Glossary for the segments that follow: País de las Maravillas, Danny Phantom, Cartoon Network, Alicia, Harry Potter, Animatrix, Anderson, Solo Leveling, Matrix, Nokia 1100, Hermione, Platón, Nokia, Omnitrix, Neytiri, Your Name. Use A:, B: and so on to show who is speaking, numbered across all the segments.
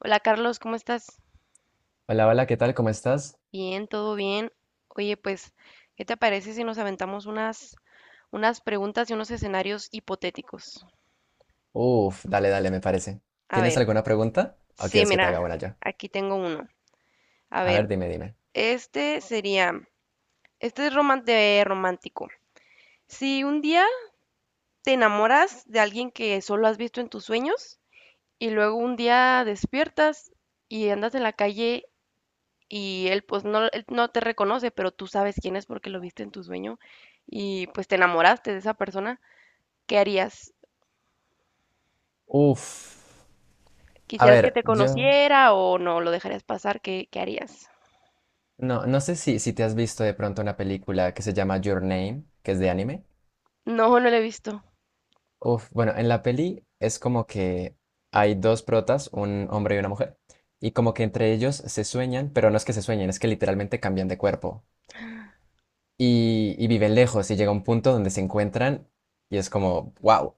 A: Hola Carlos, ¿cómo estás?
B: Hola, hola, ¿qué tal? ¿Cómo estás?
A: Bien, todo bien. Oye, pues, ¿qué te parece si nos aventamos unas preguntas y unos escenarios hipotéticos?
B: Uf, dale, dale, me parece.
A: A
B: ¿Tienes
A: ver,
B: alguna pregunta o
A: sí,
B: quieres que te haga
A: mira,
B: una yo?
A: aquí tengo uno. A
B: A ver,
A: ver,
B: dime, dime.
A: este sería, este es de romántico. Si un día te enamoras de alguien que solo has visto en tus sueños y luego un día despiertas y andas en la calle y él pues no, él no te reconoce, pero tú sabes quién es porque lo viste en tu sueño y pues te enamoraste de esa persona, ¿qué harías?
B: Uf, a
A: ¿Quisieras que
B: ver,
A: te
B: yo
A: conociera o no lo dejarías pasar? ¿Qué, qué harías?
B: no sé si te has visto de pronto una película que se llama Your Name, que es de anime.
A: No, no lo he visto.
B: Uf, bueno, en la peli es como que hay dos protas, un hombre y una mujer, y como que entre ellos se sueñan, pero no es que se sueñen, es que literalmente cambian de cuerpo. Y viven lejos y llega un punto donde se encuentran y es como, wow.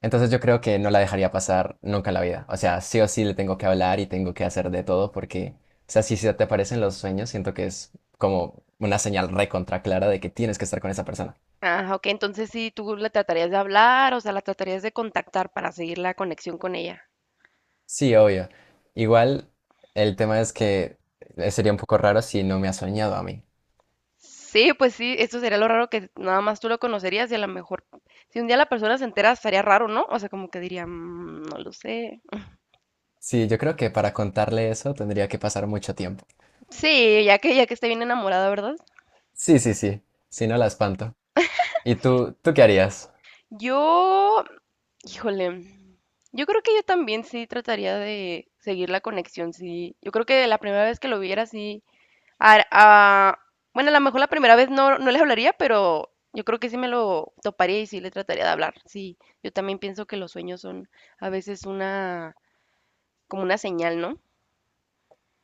B: Entonces yo creo que no la dejaría pasar nunca en la vida. O sea, sí o sí le tengo que hablar y tengo que hacer de todo porque, o sea, si se te aparecen los sueños, siento que es como una señal recontra clara de que tienes que estar con esa persona.
A: Ah, ok, entonces sí, tú la tratarías de hablar, o sea, la tratarías de contactar para seguir la conexión con ella.
B: Sí, obvio. Igual el tema es que sería un poco raro si no me ha soñado a mí.
A: Sí, pues sí, eso sería lo raro que nada más tú lo conocerías y a lo mejor si un día la persona se entera estaría raro, ¿no? O sea, como que diría, "Mm, no lo sé."
B: Sí, yo creo que para contarle eso tendría que pasar mucho tiempo.
A: Sí, ya que esté bien enamorada, ¿verdad?
B: Sí, sí, sí. Si no la espanto. ¿Y tú qué harías?
A: Yo, híjole, yo creo que yo también sí trataría de seguir la conexión, sí. Yo creo que la primera vez que lo viera, sí. ar- ah, bueno, a lo mejor la primera vez no, no les hablaría, pero yo creo que sí me lo toparía y sí le trataría de hablar. Sí, yo también pienso que los sueños son a veces como una señal, ¿no?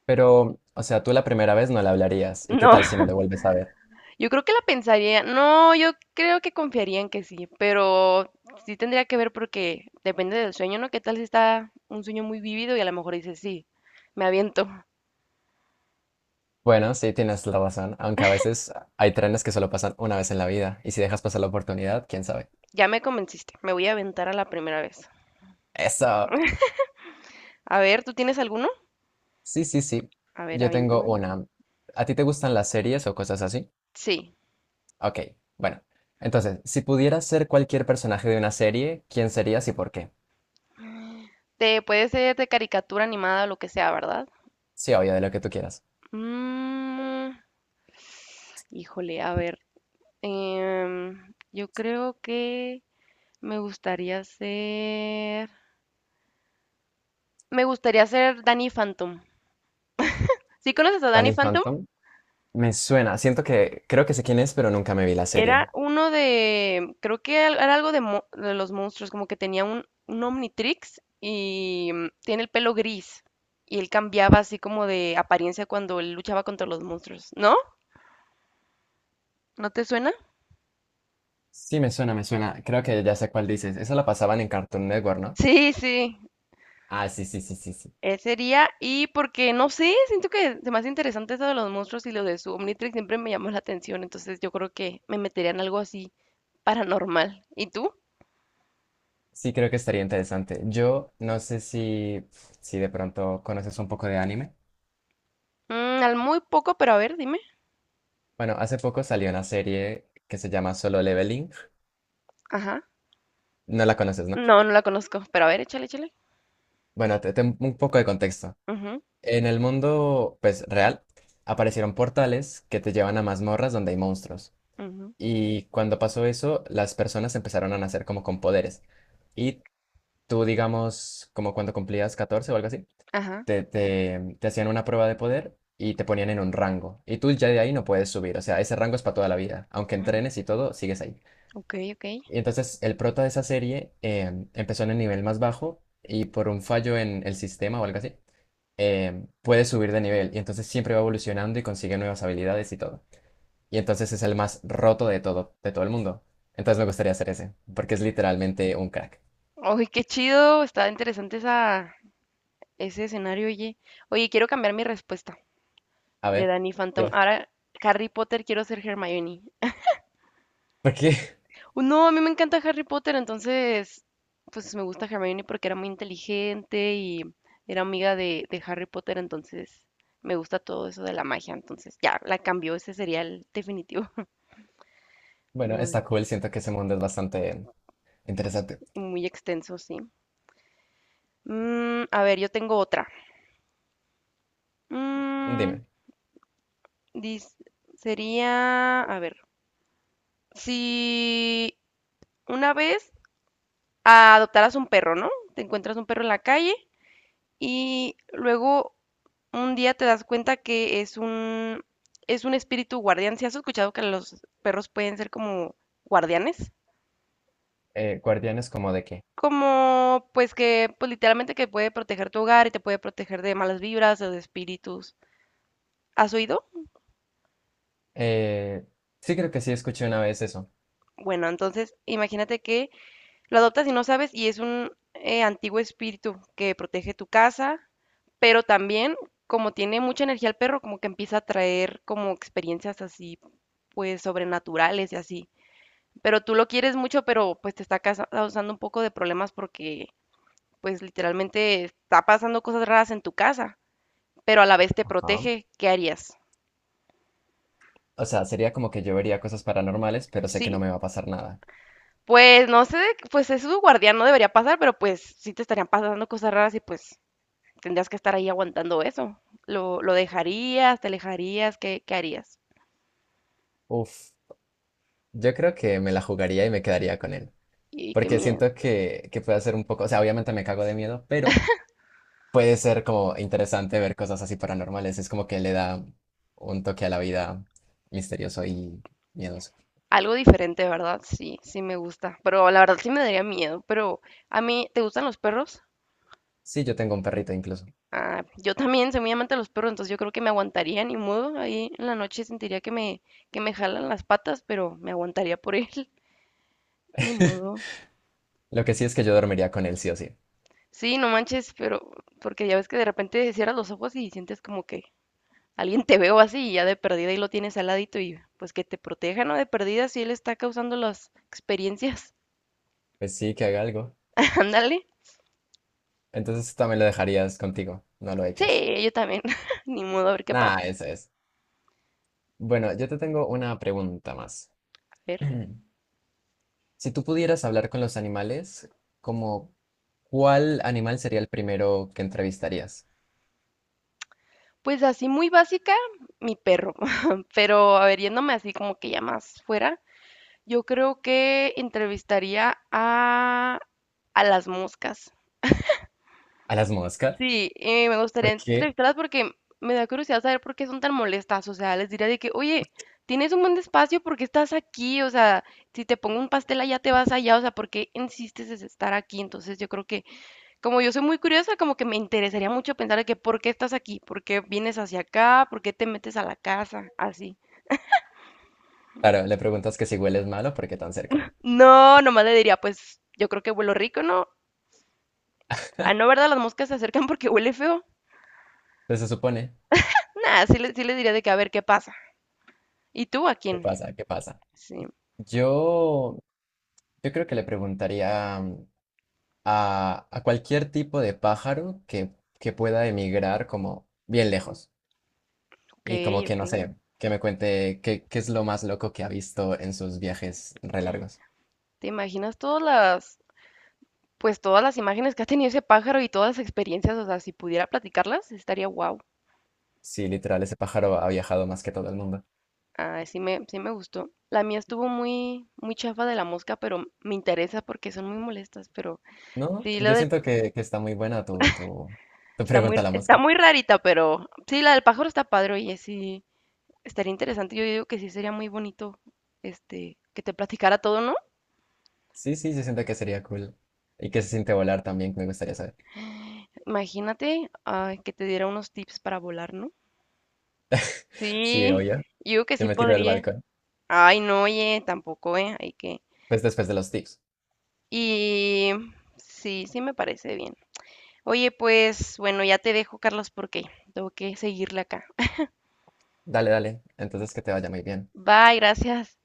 B: Pero, o sea, tú la primera vez no le hablarías. ¿Y qué
A: No,
B: tal si no le vuelves a ver?
A: yo creo que la pensaría, no, yo creo que confiaría en que sí, pero sí tendría que ver porque depende del sueño, ¿no? ¿Qué tal si está un sueño muy vívido y a lo mejor dices, sí, me aviento,
B: Bueno, sí, tienes la razón. Aunque a veces hay trenes que solo pasan una vez en la vida. Y si dejas pasar la oportunidad, quién sabe.
A: ya me convenciste, me voy a aventar a la primera vez.
B: Eso.
A: A ver, ¿tú tienes alguno?
B: Sí, sí, sí.
A: A ver,
B: Yo tengo
A: aviéntame.
B: una. ¿A ti te gustan las series o cosas así?
A: Sí,
B: Ok, bueno. Entonces, si pudieras ser cualquier personaje de una serie, ¿quién serías y por qué?
A: te puede ser de caricatura animada o lo que sea, ¿verdad?
B: Sí, obvio, de lo que tú quieras.
A: Mm, híjole, a ver, yo creo que me gustaría ser, me gustaría ser Danny Phantom. ¿Sí conoces a Danny
B: Danny
A: Phantom?
B: Phantom. Me suena. Siento que creo que sé quién es, pero nunca me vi la serie.
A: Era uno de, creo que era algo de, de los monstruos, como que tenía un Omnitrix y tiene el pelo gris. Y él cambiaba así como de apariencia cuando él luchaba contra los monstruos, ¿no? ¿No te suena?
B: Sí, me suena, me suena. Creo que ya sé cuál dices. Esa la pasaban en Cartoon Network, ¿no?
A: Sí, sí,
B: Ah, sí, sí, sí, sí, sí.
A: ese sería. Y porque, no sé, siento que se me hace interesante eso de los monstruos y lo de su Omnitrix siempre me llamó la atención, entonces yo creo que me metería en algo así paranormal. ¿Y tú?
B: Sí, creo que estaría interesante. Yo no sé si de pronto conoces un poco de anime.
A: Mm, al muy poco, pero a ver, dime.
B: Bueno, hace poco salió una serie que se llama Solo Leveling.
A: Ajá.
B: No la conoces, ¿no?
A: No, no la conozco, pero a ver, échale, échale.
B: Bueno, un poco de contexto.
A: Ujú,
B: En el mundo, pues, real, aparecieron portales que te llevan a mazmorras donde hay monstruos.
A: ujú,
B: Y cuando pasó eso, las personas empezaron a nacer como con poderes. Y tú, digamos, como cuando cumplías 14 o algo así,
A: Ajá.
B: te hacían una prueba de poder y te ponían en un rango. Y tú ya de ahí no puedes subir. O sea, ese rango es para toda la vida. Aunque
A: Mm,
B: entrenes y todo, sigues ahí.
A: ok, ok.
B: Y entonces el prota de esa serie empezó en el nivel más bajo y por un fallo en el sistema o algo así, puede subir de nivel. Y entonces siempre va evolucionando y consigue nuevas habilidades y todo. Y entonces es el más roto de todo el mundo. Entonces me gustaría hacer ese, porque es literalmente un crack.
A: Oye, qué chido, está interesante esa, ese escenario, oye. Oye, quiero cambiar mi respuesta
B: A
A: de
B: ver.
A: Danny Phantom.
B: Ya.
A: Ahora, Harry Potter, quiero ser Hermione.
B: ¿Por qué?
A: No, a mí me encanta Harry Potter, entonces, pues me gusta Hermione porque era muy inteligente y era amiga de Harry Potter, entonces me gusta todo eso de la magia, entonces ya, la cambió, ese sería el definitivo.
B: Bueno,
A: Muy,
B: está cool, siento que ese mundo es bastante interesante.
A: muy extenso, sí. Mm, a ver, yo tengo otra. Mm,
B: Dime,
A: dis- sería, a ver, si una vez adoptaras un perro, ¿no? Te encuentras un perro en la calle y luego un día te das cuenta que es un espíritu guardián. ¿Si has escuchado que los perros pueden ser como guardianes?
B: ¿guardianes como de qué?
A: Como, pues que, pues literalmente que puede proteger tu hogar y te puede proteger de malas vibras o de espíritus. ¿Has oído?
B: Eh, sí creo que sí escuché una vez eso.
A: Bueno, entonces imagínate que lo adoptas y no sabes, y es un antiguo espíritu que protege tu casa, pero también, como tiene mucha energía el perro, como que empieza a traer como experiencias así, pues sobrenaturales y así. Pero tú lo quieres mucho, pero pues te está causando un poco de problemas porque pues literalmente está pasando cosas raras en tu casa, pero a la vez te
B: Ajá.
A: protege, ¿qué harías?
B: O sea, sería como que yo vería cosas paranormales, pero sé que no
A: Sí,
B: me va a pasar nada.
A: pues no sé, pues es su guardián, no debería pasar, pero pues sí te estarían pasando cosas raras y pues tendrías que estar ahí aguantando eso. Lo dejarías? ¿Te alejarías? ¿Qué, qué harías?
B: Uf, yo creo que me la jugaría y me quedaría con él.
A: Y qué
B: Porque
A: miedo.
B: siento que puede ser un poco, o sea, obviamente me cago de miedo, pero puede ser como interesante ver cosas así paranormales. Es como que le da un toque a la vida misterioso y miedoso.
A: Algo diferente, ¿verdad? Sí, sí me gusta. Pero la verdad sí me daría miedo. Pero a mí, ¿te gustan los perros?
B: Sí, yo tengo un perrito incluso.
A: Ah, yo también soy muy amante de los perros, entonces yo creo que me aguantaría ni modo. Ahí en la noche sentiría que me jalan las patas, pero me aguantaría por él. Ni modo.
B: Lo que sí es que yo dormiría con él, sí o sí.
A: Sí, no manches, pero porque ya ves que de repente cierras los ojos y sientes como que alguien te veo así y ya de perdida y lo tienes al ladito y pues que te proteja, ¿no? De perdida si él está causando las experiencias.
B: Pues sí, que haga algo.
A: Ándale.
B: Entonces también lo dejarías contigo, no lo echas.
A: Sí, yo también. Ni modo, a ver qué pasa.
B: Nada, eso es. Bueno, yo te tengo una pregunta más.
A: A ver.
B: Si tú pudieras hablar con los animales, ¿como cuál animal sería el primero que entrevistarías?
A: Pues así muy básica, mi perro. Pero a ver, yéndome así como que ya más fuera, yo creo que a las moscas.
B: ¿A las moscas?
A: Sí, me gustaría
B: ¿Por qué?
A: entrevistarlas porque me da curiosidad saber por qué son tan molestas. O sea, les diría de que, oye, tienes un buen espacio, ¿por qué estás aquí? O sea, si te pongo un pastel allá, te vas allá. O sea, ¿por qué insistes en estar aquí? Entonces, yo creo que, como yo soy muy curiosa, como que me interesaría mucho pensar de que, ¿por qué estás aquí? ¿Por qué vienes hacia acá? ¿Por qué te metes a la casa? Así.
B: Claro, le preguntas que si hueles malo, ¿por qué tan cerca?
A: No, nomás le diría, pues, yo creo que huelo rico, ¿no? Ah, no, ¿verdad? Las moscas se acercan porque huele feo.
B: Entonces se supone,
A: Nada, sí le diría de que, a ver, ¿qué pasa? ¿Y tú a
B: ¿qué
A: quién?
B: pasa? ¿Qué pasa?
A: Sí.
B: Yo, yo creo que le preguntaría a cualquier tipo de pájaro que pueda emigrar como bien lejos
A: Ok,
B: y como que
A: ok.
B: no sé, que me cuente qué es lo más loco que ha visto en sus viajes re largos.
A: ¿Te imaginas pues todas las imágenes que ha tenido ese pájaro y todas las experiencias? O sea, si pudiera platicarlas, estaría wow.
B: Sí, literal, ese pájaro ha viajado más que todo el mundo.
A: Ah, sí me gustó. La mía estuvo muy, muy chafa de la mosca, pero me interesa porque son muy molestas. Pero
B: No,
A: sí,
B: yo siento que está muy buena tu pregunta a la
A: está
B: mosca.
A: muy rarita, pero sí, la del pájaro está padre, oye, sí, estaría interesante. Yo digo que sí sería muy bonito, este, que te platicara todo, ¿no?
B: Sí, sí, yo siento que sería cool. Y que se siente volar también, me gustaría saber.
A: Imagínate, ay, que te diera unos tips para volar, ¿no?
B: Sí,
A: Sí,
B: obvio,
A: yo digo que
B: yo
A: sí
B: me tiro del
A: podría.
B: balcón.
A: Ay, no, oye, tampoco, ¿eh? Hay que...
B: Pues después de los tips.
A: Y sí, sí me parece bien. Oye, pues bueno, ya te dejo, Carlos, porque tengo que seguirle acá.
B: Dale, dale. Entonces que te vaya muy bien.
A: Bye, gracias.